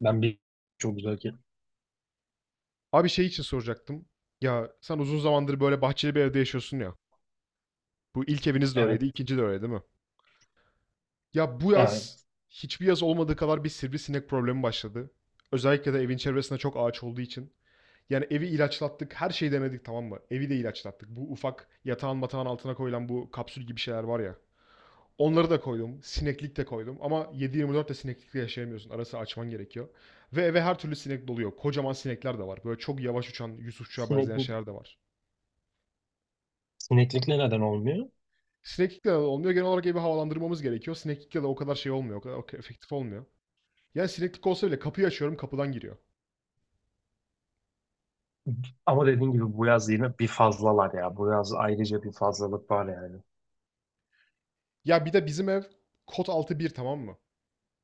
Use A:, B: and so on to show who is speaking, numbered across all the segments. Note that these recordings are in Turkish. A: Ben bir Çok güzel ki.
B: Abi şey için soracaktım. Ya sen uzun zamandır böyle bahçeli bir evde yaşıyorsun ya. Bu ilk eviniz de
A: Evet.
B: öyleydi, ikinci de öyle değil mi? Ya bu
A: Yani
B: yaz hiçbir yaz olmadığı kadar bir sivrisinek problemi başladı. Özellikle de evin çevresinde çok ağaç olduğu için. Yani evi ilaçlattık, her şeyi denedik tamam mı? Evi de ilaçlattık. Bu ufak yatağın matağın altına koyulan bu kapsül gibi şeyler var ya. Onları da koydum, sineklik de koydum. Ama 7-24 de sineklikle yaşayamıyorsun. Arası açman gerekiyor. Ve eve her türlü sinek doluyor. Kocaman sinekler de var. Böyle çok yavaş uçan, Yusufçuğa benzeyen
A: sineklik,
B: şeyler de var.
A: sineklikle neden olmuyor?
B: Sineklikle de olmuyor. Genel olarak evi havalandırmamız gerekiyor. Sineklikle de o kadar şey olmuyor. O kadar efektif olmuyor. Yani sineklik olsa bile kapıyı açıyorum kapıdan giriyor.
A: Ama dediğin gibi bu yaz yine bir fazlalar ya. Bu yaz ayrıca bir fazlalık var yani.
B: Ya bir de bizim ev kod altı bir tamam mı?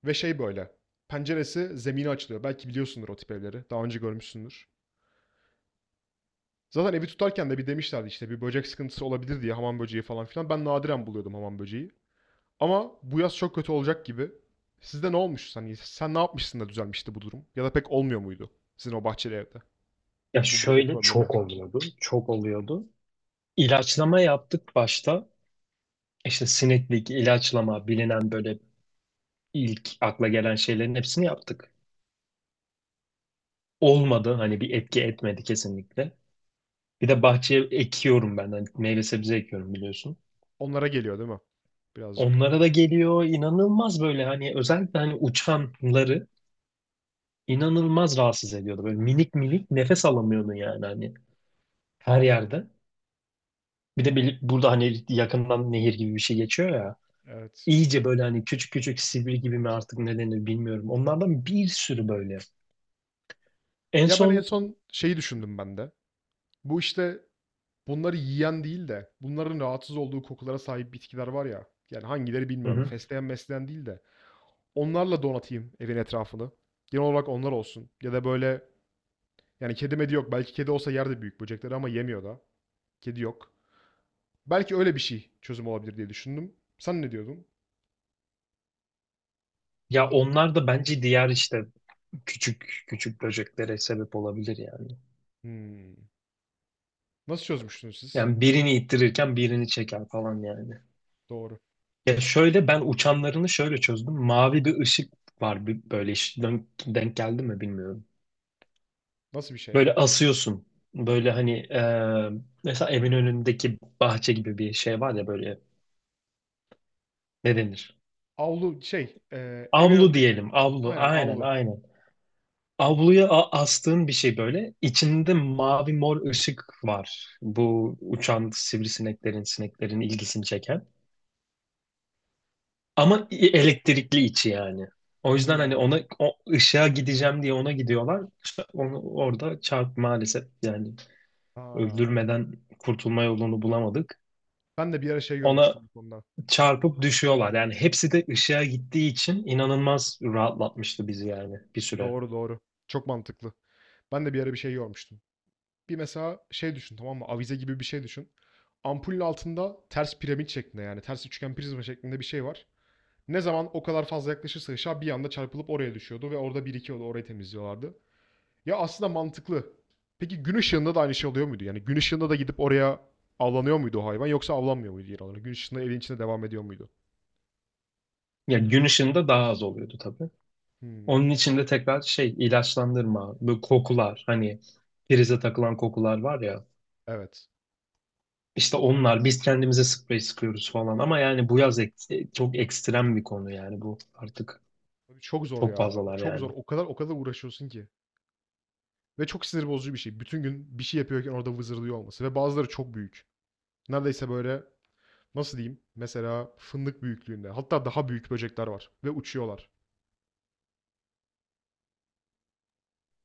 B: Ve şey böyle. Penceresi zemine açılıyor. Belki biliyorsundur o tip evleri. Daha önce görmüşsündür. Zaten evi tutarken de bir demişlerdi işte bir böcek sıkıntısı olabilir diye hamam böceği falan filan. Ben nadiren buluyordum hamam böceği. Ama bu yaz çok kötü olacak gibi. Sizde ne olmuş? Hani sen ne yapmışsın da düzelmişti bu durum? Ya da pek olmuyor muydu sizin o bahçeli evde?
A: Ya
B: Bu böcek
A: şöyle
B: problemi.
A: çok oluyordu. Çok oluyordu. İlaçlama yaptık başta. İşte sineklik, ilaçlama bilinen böyle ilk akla gelen şeylerin hepsini yaptık. Olmadı. Hani bir etki etmedi kesinlikle. Bir de bahçeye ekiyorum ben. Hani meyve sebze ekiyorum biliyorsun.
B: Onlara geliyor değil mi? Birazcık.
A: Onlara da geliyor inanılmaz böyle hani özellikle hani uçanları inanılmaz rahatsız ediyordu. Böyle minik minik nefes alamıyordun yani hani her yerde. Bir de burada hani yakından nehir gibi bir şey geçiyor ya.
B: Evet.
A: İyice böyle hani küçük küçük sivri gibi mi artık ne denir bilmiyorum. Onlardan bir sürü böyle. En
B: Ya ben en
A: son.
B: son şeyi düşündüm ben de. Bu işte bunları yiyen değil de bunların rahatsız olduğu kokulara sahip bitkiler var ya. Yani hangileri
A: Hı
B: bilmiyorum.
A: hı.
B: Fesleğen mesleğen değil de. Onlarla donatayım evin etrafını. Genel olarak onlar olsun. Ya da böyle yani kedi medi yok. Belki kedi olsa yerde büyük böcekleri ama yemiyor da. Kedi yok. Belki öyle bir şey çözüm olabilir diye düşündüm. Sen ne diyordun?
A: Ya onlar da bence diğer işte küçük küçük böceklere sebep olabilir yani.
B: Hmm. Nasıl çözmüştünüz siz?
A: Yani birini ittirirken birini çeker falan yani.
B: Doğru.
A: Ya şöyle ben uçanlarını şöyle çözdüm. Mavi bir ışık var böyle hiç denk geldi mi bilmiyorum.
B: Nasıl bir şey
A: Böyle
B: ya?
A: asıyorsun. Böyle hani mesela evin önündeki bahçe gibi bir şey var ya böyle ne denir?
B: Avlu şey, evin
A: Avlu
B: önündeki.
A: diyelim. Avlu.
B: Aynen
A: Aynen
B: avlu.
A: aynen. Avluya astığın bir şey böyle. İçinde mavi mor ışık var. Bu uçan sivrisineklerin, sineklerin ilgisini çeken. Ama elektrikli içi yani. O yüzden hani
B: Hımm.
A: ona o ışığa gideceğim diye ona gidiyorlar. İşte onu orada çarp maalesef yani
B: A!
A: öldürmeden kurtulma yolunu bulamadık.
B: Ben de bir ara şey
A: Ona
B: görmüştüm bu konuda.
A: çarpıp düşüyorlar. Yani hepsi de ışığa gittiği için inanılmaz rahatlatmıştı bizi yani bir süre.
B: Doğru, doğru. Çok mantıklı. Ben de bir ara bir şey görmüştüm. Bir mesela şey düşün, tamam mı? Avize gibi bir şey düşün. Ampulün altında ters piramit şeklinde yani ters üçgen prizma şeklinde bir şey var. Ne zaman o kadar fazla yaklaşırsa ışığa bir anda çarpılıp oraya düşüyordu ve orada birikiyordu, orayı temizliyorlardı. Ya aslında mantıklı. Peki gün ışığında da aynı şey oluyor muydu? Yani gün ışığında da gidip oraya avlanıyor muydu o hayvan yoksa avlanmıyor muydu yer alanı? Gün ışığında evin içinde devam ediyor muydu?
A: Ya gün ışığında daha az oluyordu tabii.
B: Hmm,
A: Onun için de tekrar şey ilaçlandırma, böyle kokular hani prize takılan kokular var ya.
B: evet.
A: İşte onlar biz kendimize sprey sıkıyoruz falan ama yani bu yaz çok ekstrem bir konu yani bu artık
B: Abi çok zor
A: çok
B: ya. O
A: fazlalar
B: çok zor.
A: yani.
B: O kadar o kadar uğraşıyorsun ki. Ve çok sinir bozucu bir şey. Bütün gün bir şey yapıyorken orada vızırdıyor olması. Ve bazıları çok büyük. Neredeyse böyle nasıl diyeyim? Mesela fındık büyüklüğünde. Hatta daha büyük böcekler var. Ve uçuyorlar.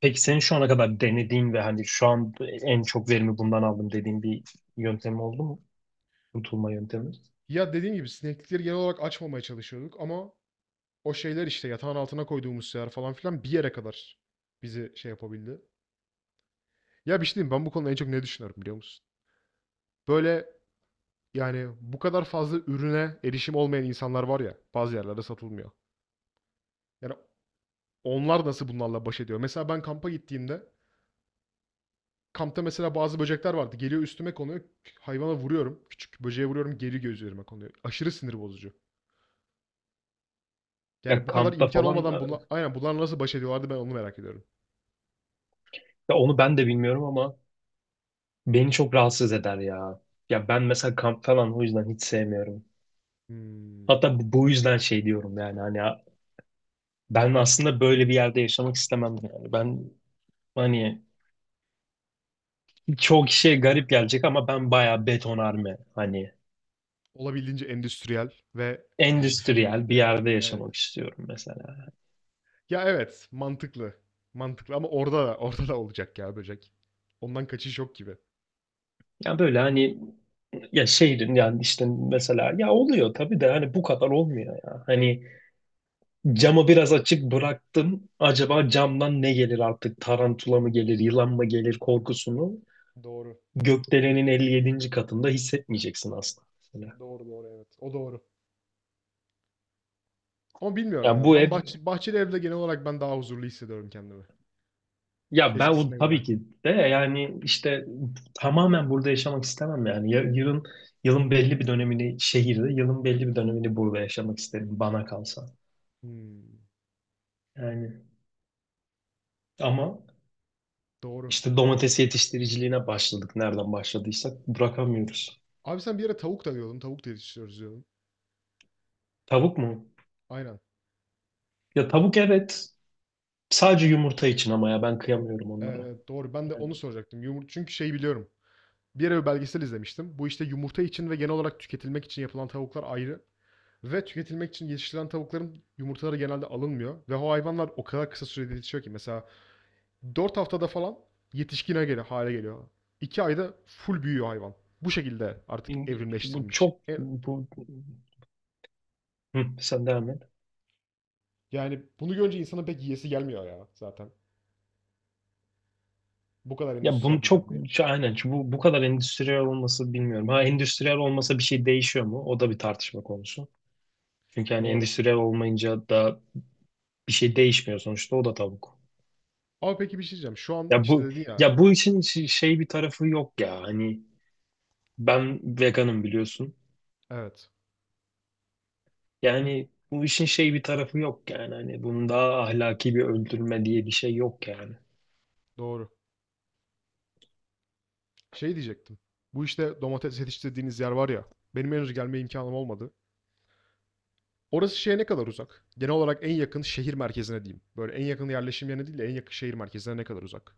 A: Peki senin şu ana kadar denediğin ve hani şu an en çok verimi bundan aldım dediğin bir yöntem oldu mu? Kurtulma yöntemi.
B: Ya dediğim gibi sineklikleri genel olarak açmamaya çalışıyorduk ama o şeyler işte yatağın altına koyduğumuz şeyler falan filan bir yere kadar bizi şey yapabildi. Ya bir şey diyeyim ben bu konuda en çok ne düşünüyorum biliyor musun? Böyle yani bu kadar fazla ürüne erişim olmayan insanlar var ya bazı yerlerde satılmıyor. Yani onlar nasıl bunlarla baş ediyor? Mesela ben kampa gittiğimde kampta mesela bazı böcekler vardı. Geliyor üstüme konuyor. Hayvana vuruyorum. Küçük böceğe vuruyorum. Geri göz üzerime konuyor. Aşırı sinir bozucu.
A: Ya
B: Yani bu kadar
A: kampta
B: imkan
A: falan.
B: olmadan aynen bunlar nasıl baş ediyorlardı ben onu merak ediyorum.
A: Ya onu ben de bilmiyorum ama beni çok rahatsız eder ya. Ya ben mesela kamp falan o yüzden hiç sevmiyorum.
B: Hmm.
A: Hatta bu yüzden şey diyorum yani hani ben aslında böyle bir yerde yaşamak istemem yani. Ben hani çoğu kişiye garip gelecek ama ben bayağı betonarme hani
B: Olabildiğince endüstriyel ve
A: endüstriyel bir yerde
B: evet.
A: yaşamak istiyorum mesela.
B: Ya evet, mantıklı. Mantıklı ama orada da olacak ya böcek. Ondan kaçış yok gibi.
A: Ya böyle hani ya şehrin yani işte mesela ya oluyor tabii de hani bu kadar olmuyor ya. Hani, camı biraz açık bıraktım. Acaba camdan ne gelir artık? Tarantula mı gelir, yılan mı gelir korkusunu
B: Doğru.
A: gökdelenin 57. katında hissetmeyeceksin aslında. Mesela.
B: Doğru doğru evet. O doğru. Ama bilmiyorum
A: Ya
B: ya.
A: bu
B: Ben
A: ev,
B: bahçeli evde genel olarak ben daha huzurlu hissediyorum kendimi.
A: ya ben
B: Eskisine göre.
A: tabii ki de yani işte tamamen burada yaşamak istemem yani. Yılın belli bir dönemini şehirde, yılın belli bir dönemini burada yaşamak isterim bana kalsa.
B: Hmm,
A: Yani ama
B: doğru.
A: işte domates yetiştiriciliğine başladık. Nereden başladıysak bırakamıyoruz.
B: Abi sen bir yere tavuk da diyordun. Tavuk da yetiştiriyoruz diyordun.
A: Tavuk mu?
B: Aynen.
A: Ya tavuk evet. Sadece yumurta için ama ya ben kıyamıyorum onlara.
B: Doğru. Ben de
A: Yani,
B: onu soracaktım. Yumur çünkü şey biliyorum. Bir yere bir belgesel izlemiştim. Bu işte yumurta için ve genel olarak tüketilmek için yapılan tavuklar ayrı. Ve tüketilmek için yetiştirilen tavukların yumurtaları genelde alınmıyor. Ve o hayvanlar o kadar kısa sürede yetişiyor ki. Mesela 4 haftada falan yetişkine geliyor, hale geliyor. 2 ayda full büyüyor hayvan. Bu şekilde artık
A: bu
B: evrimleştirilmiş.
A: çok bu. Hı, sen devam et.
B: Yani bunu görünce insanın pek yiyesi gelmiyor ya zaten. Bu kadar
A: Ya bunu
B: endüstriyel bir
A: çok
B: canlıya.
A: aynen bu kadar endüstriyel olması bilmiyorum. Ha endüstriyel olmasa bir şey değişiyor mu? O da bir tartışma konusu. Çünkü hani
B: Doğru.
A: endüstriyel olmayınca da bir şey değişmiyor sonuçta o da tavuk.
B: Ama peki bir şey diyeceğim. Şu an
A: Ya
B: işte
A: bu
B: dedin ya.
A: ya bu işin şey bir tarafı yok ya. Hani ben veganım biliyorsun.
B: Evet.
A: Yani bu işin şey bir tarafı yok yani. Hani bunun daha ahlaki bir öldürme diye bir şey yok yani.
B: Doğru. Şey diyecektim. Bu işte domates yetiştirdiğiniz yer var ya. Benim henüz gelme imkanım olmadı. Orası şeye ne kadar uzak? Genel olarak en yakın şehir merkezine diyeyim. Böyle en yakın yerleşim yerine değil de en yakın şehir merkezine ne kadar uzak?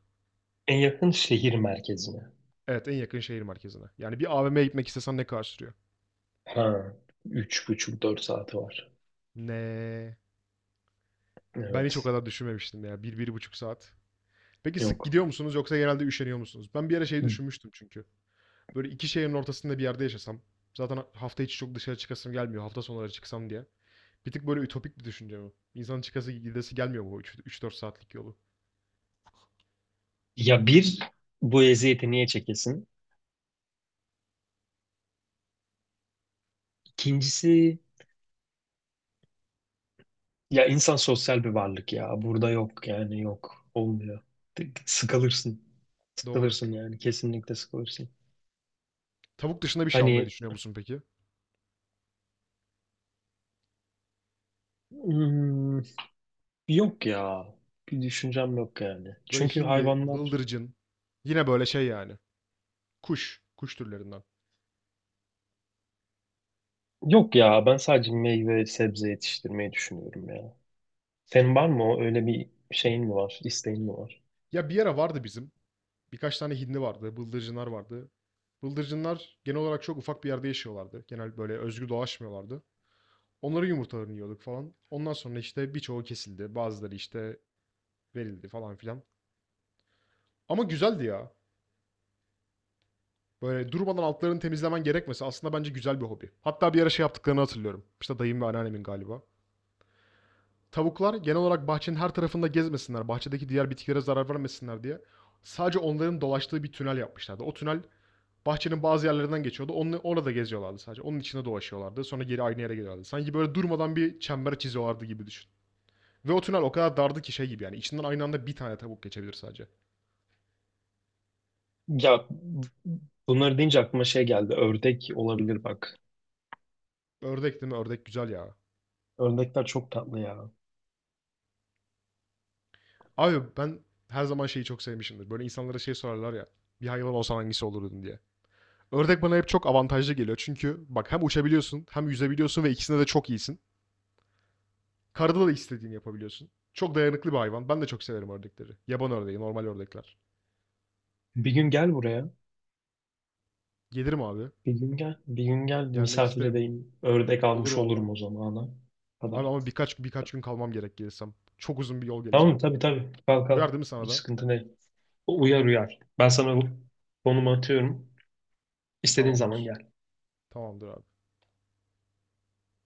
A: En yakın şehir merkezine.
B: Evet en yakın şehir merkezine. Yani bir A AVM'ye gitmek istesen ne kadar sürüyor?
A: Ha, 3,5-4 saati var.
B: Ne? Ben hiç o
A: Evet.
B: kadar düşünmemiştim ya. Bir, 1,5 saat. Peki sık
A: Yok.
B: gidiyor musunuz yoksa genelde üşeniyor musunuz? Ben bir ara şey düşünmüştüm çünkü. Böyle iki şehrin ortasında bir yerde yaşasam. Zaten hafta içi çok dışarı çıkasım gelmiyor. Hafta sonları çıksam diye. Bir tık böyle ütopik bir düşünce bu. İnsanın çıkası gidesi gelmiyor bu 3-4 saatlik yolu?
A: Ya bu eziyeti niye çekesin? İkincisi ya insan sosyal bir varlık ya. Burada yok yani yok. Olmuyor. Sıkılırsın.
B: Doğru.
A: Sıkılırsın yani. Kesinlikle sıkılırsın.
B: Tavuk dışında bir şey almayı
A: Hani
B: düşünüyor musun peki?
A: hmm, yok ya. Bir düşüncem yok yani.
B: Böyle
A: Çünkü
B: hindi,
A: hayvanlar
B: bıldırcın. Yine böyle şey yani. Kuş. Kuş türlerinden.
A: yok ya. Ben sadece meyve sebze yetiştirmeyi düşünüyorum ya. Senin var mı o? Öyle bir şeyin mi var? İsteğin mi var?
B: Ya bir ara vardı bizim. Birkaç tane hindi vardı. Bıldırcınlar vardı. Bıldırcınlar genel olarak çok ufak bir yerde yaşıyorlardı. Genel böyle özgür dolaşmıyorlardı. Onların yumurtalarını yiyorduk falan. Ondan sonra işte birçoğu kesildi. Bazıları işte verildi falan filan. Ama güzeldi ya. Böyle durmadan altlarını temizlemen gerekmesi aslında bence güzel bir hobi. Hatta bir ara şey yaptıklarını hatırlıyorum. İşte dayım ve anneannemin galiba. Tavuklar genel olarak bahçenin her tarafında gezmesinler, bahçedeki diğer bitkilere zarar vermesinler diye sadece onların dolaştığı bir tünel yapmışlardı. O tünel bahçenin bazı yerlerinden geçiyordu. Onu, orada geziyorlardı sadece. Onun içinde dolaşıyorlardı. Sonra geri aynı yere geliyorlardı. Sanki böyle durmadan bir çember çiziyorlardı gibi düşün. Ve o tünel o kadar dardı ki şey gibi yani. İçinden aynı anda bir tane tavuk geçebilir sadece.
A: Ya bunları deyince aklıma şey geldi. Ördek olabilir bak.
B: Ördek değil mi? Ördek güzel ya.
A: Ördekler çok tatlı ya.
B: Abi ben her zaman şeyi çok sevmişimdir. Böyle insanlara şey sorarlar ya. Bir hayvan olsan hangisi olurdun diye. Ördek bana hep çok avantajlı geliyor. Çünkü bak hem uçabiliyorsun hem yüzebiliyorsun ve ikisinde de çok iyisin. Karada da istediğini yapabiliyorsun. Çok dayanıklı bir hayvan. Ben de çok severim ördekleri. Yaban ördeği, normal ördekler.
A: Bir gün gel buraya.
B: Gelirim abi.
A: Bir gün gel. Bir gün gel
B: Gelmek
A: misafir
B: isterim.
A: edeyim. Ördek
B: Olur
A: almış
B: valla.
A: olurum o zamana
B: Abi
A: kadar.
B: ama birkaç gün kalmam gerek gelirsem. Çok uzun bir yol
A: Tamam
B: geleceğim.
A: mı? Tabii tabii. Kalk
B: Uyar
A: kalk.
B: değil mi sana
A: Hiç
B: da?
A: sıkıntı değil. Uyar uyar. Ben sana bu konumu atıyorum. İstediğin zaman
B: Tamamdır.
A: gel.
B: Tamamdır abi.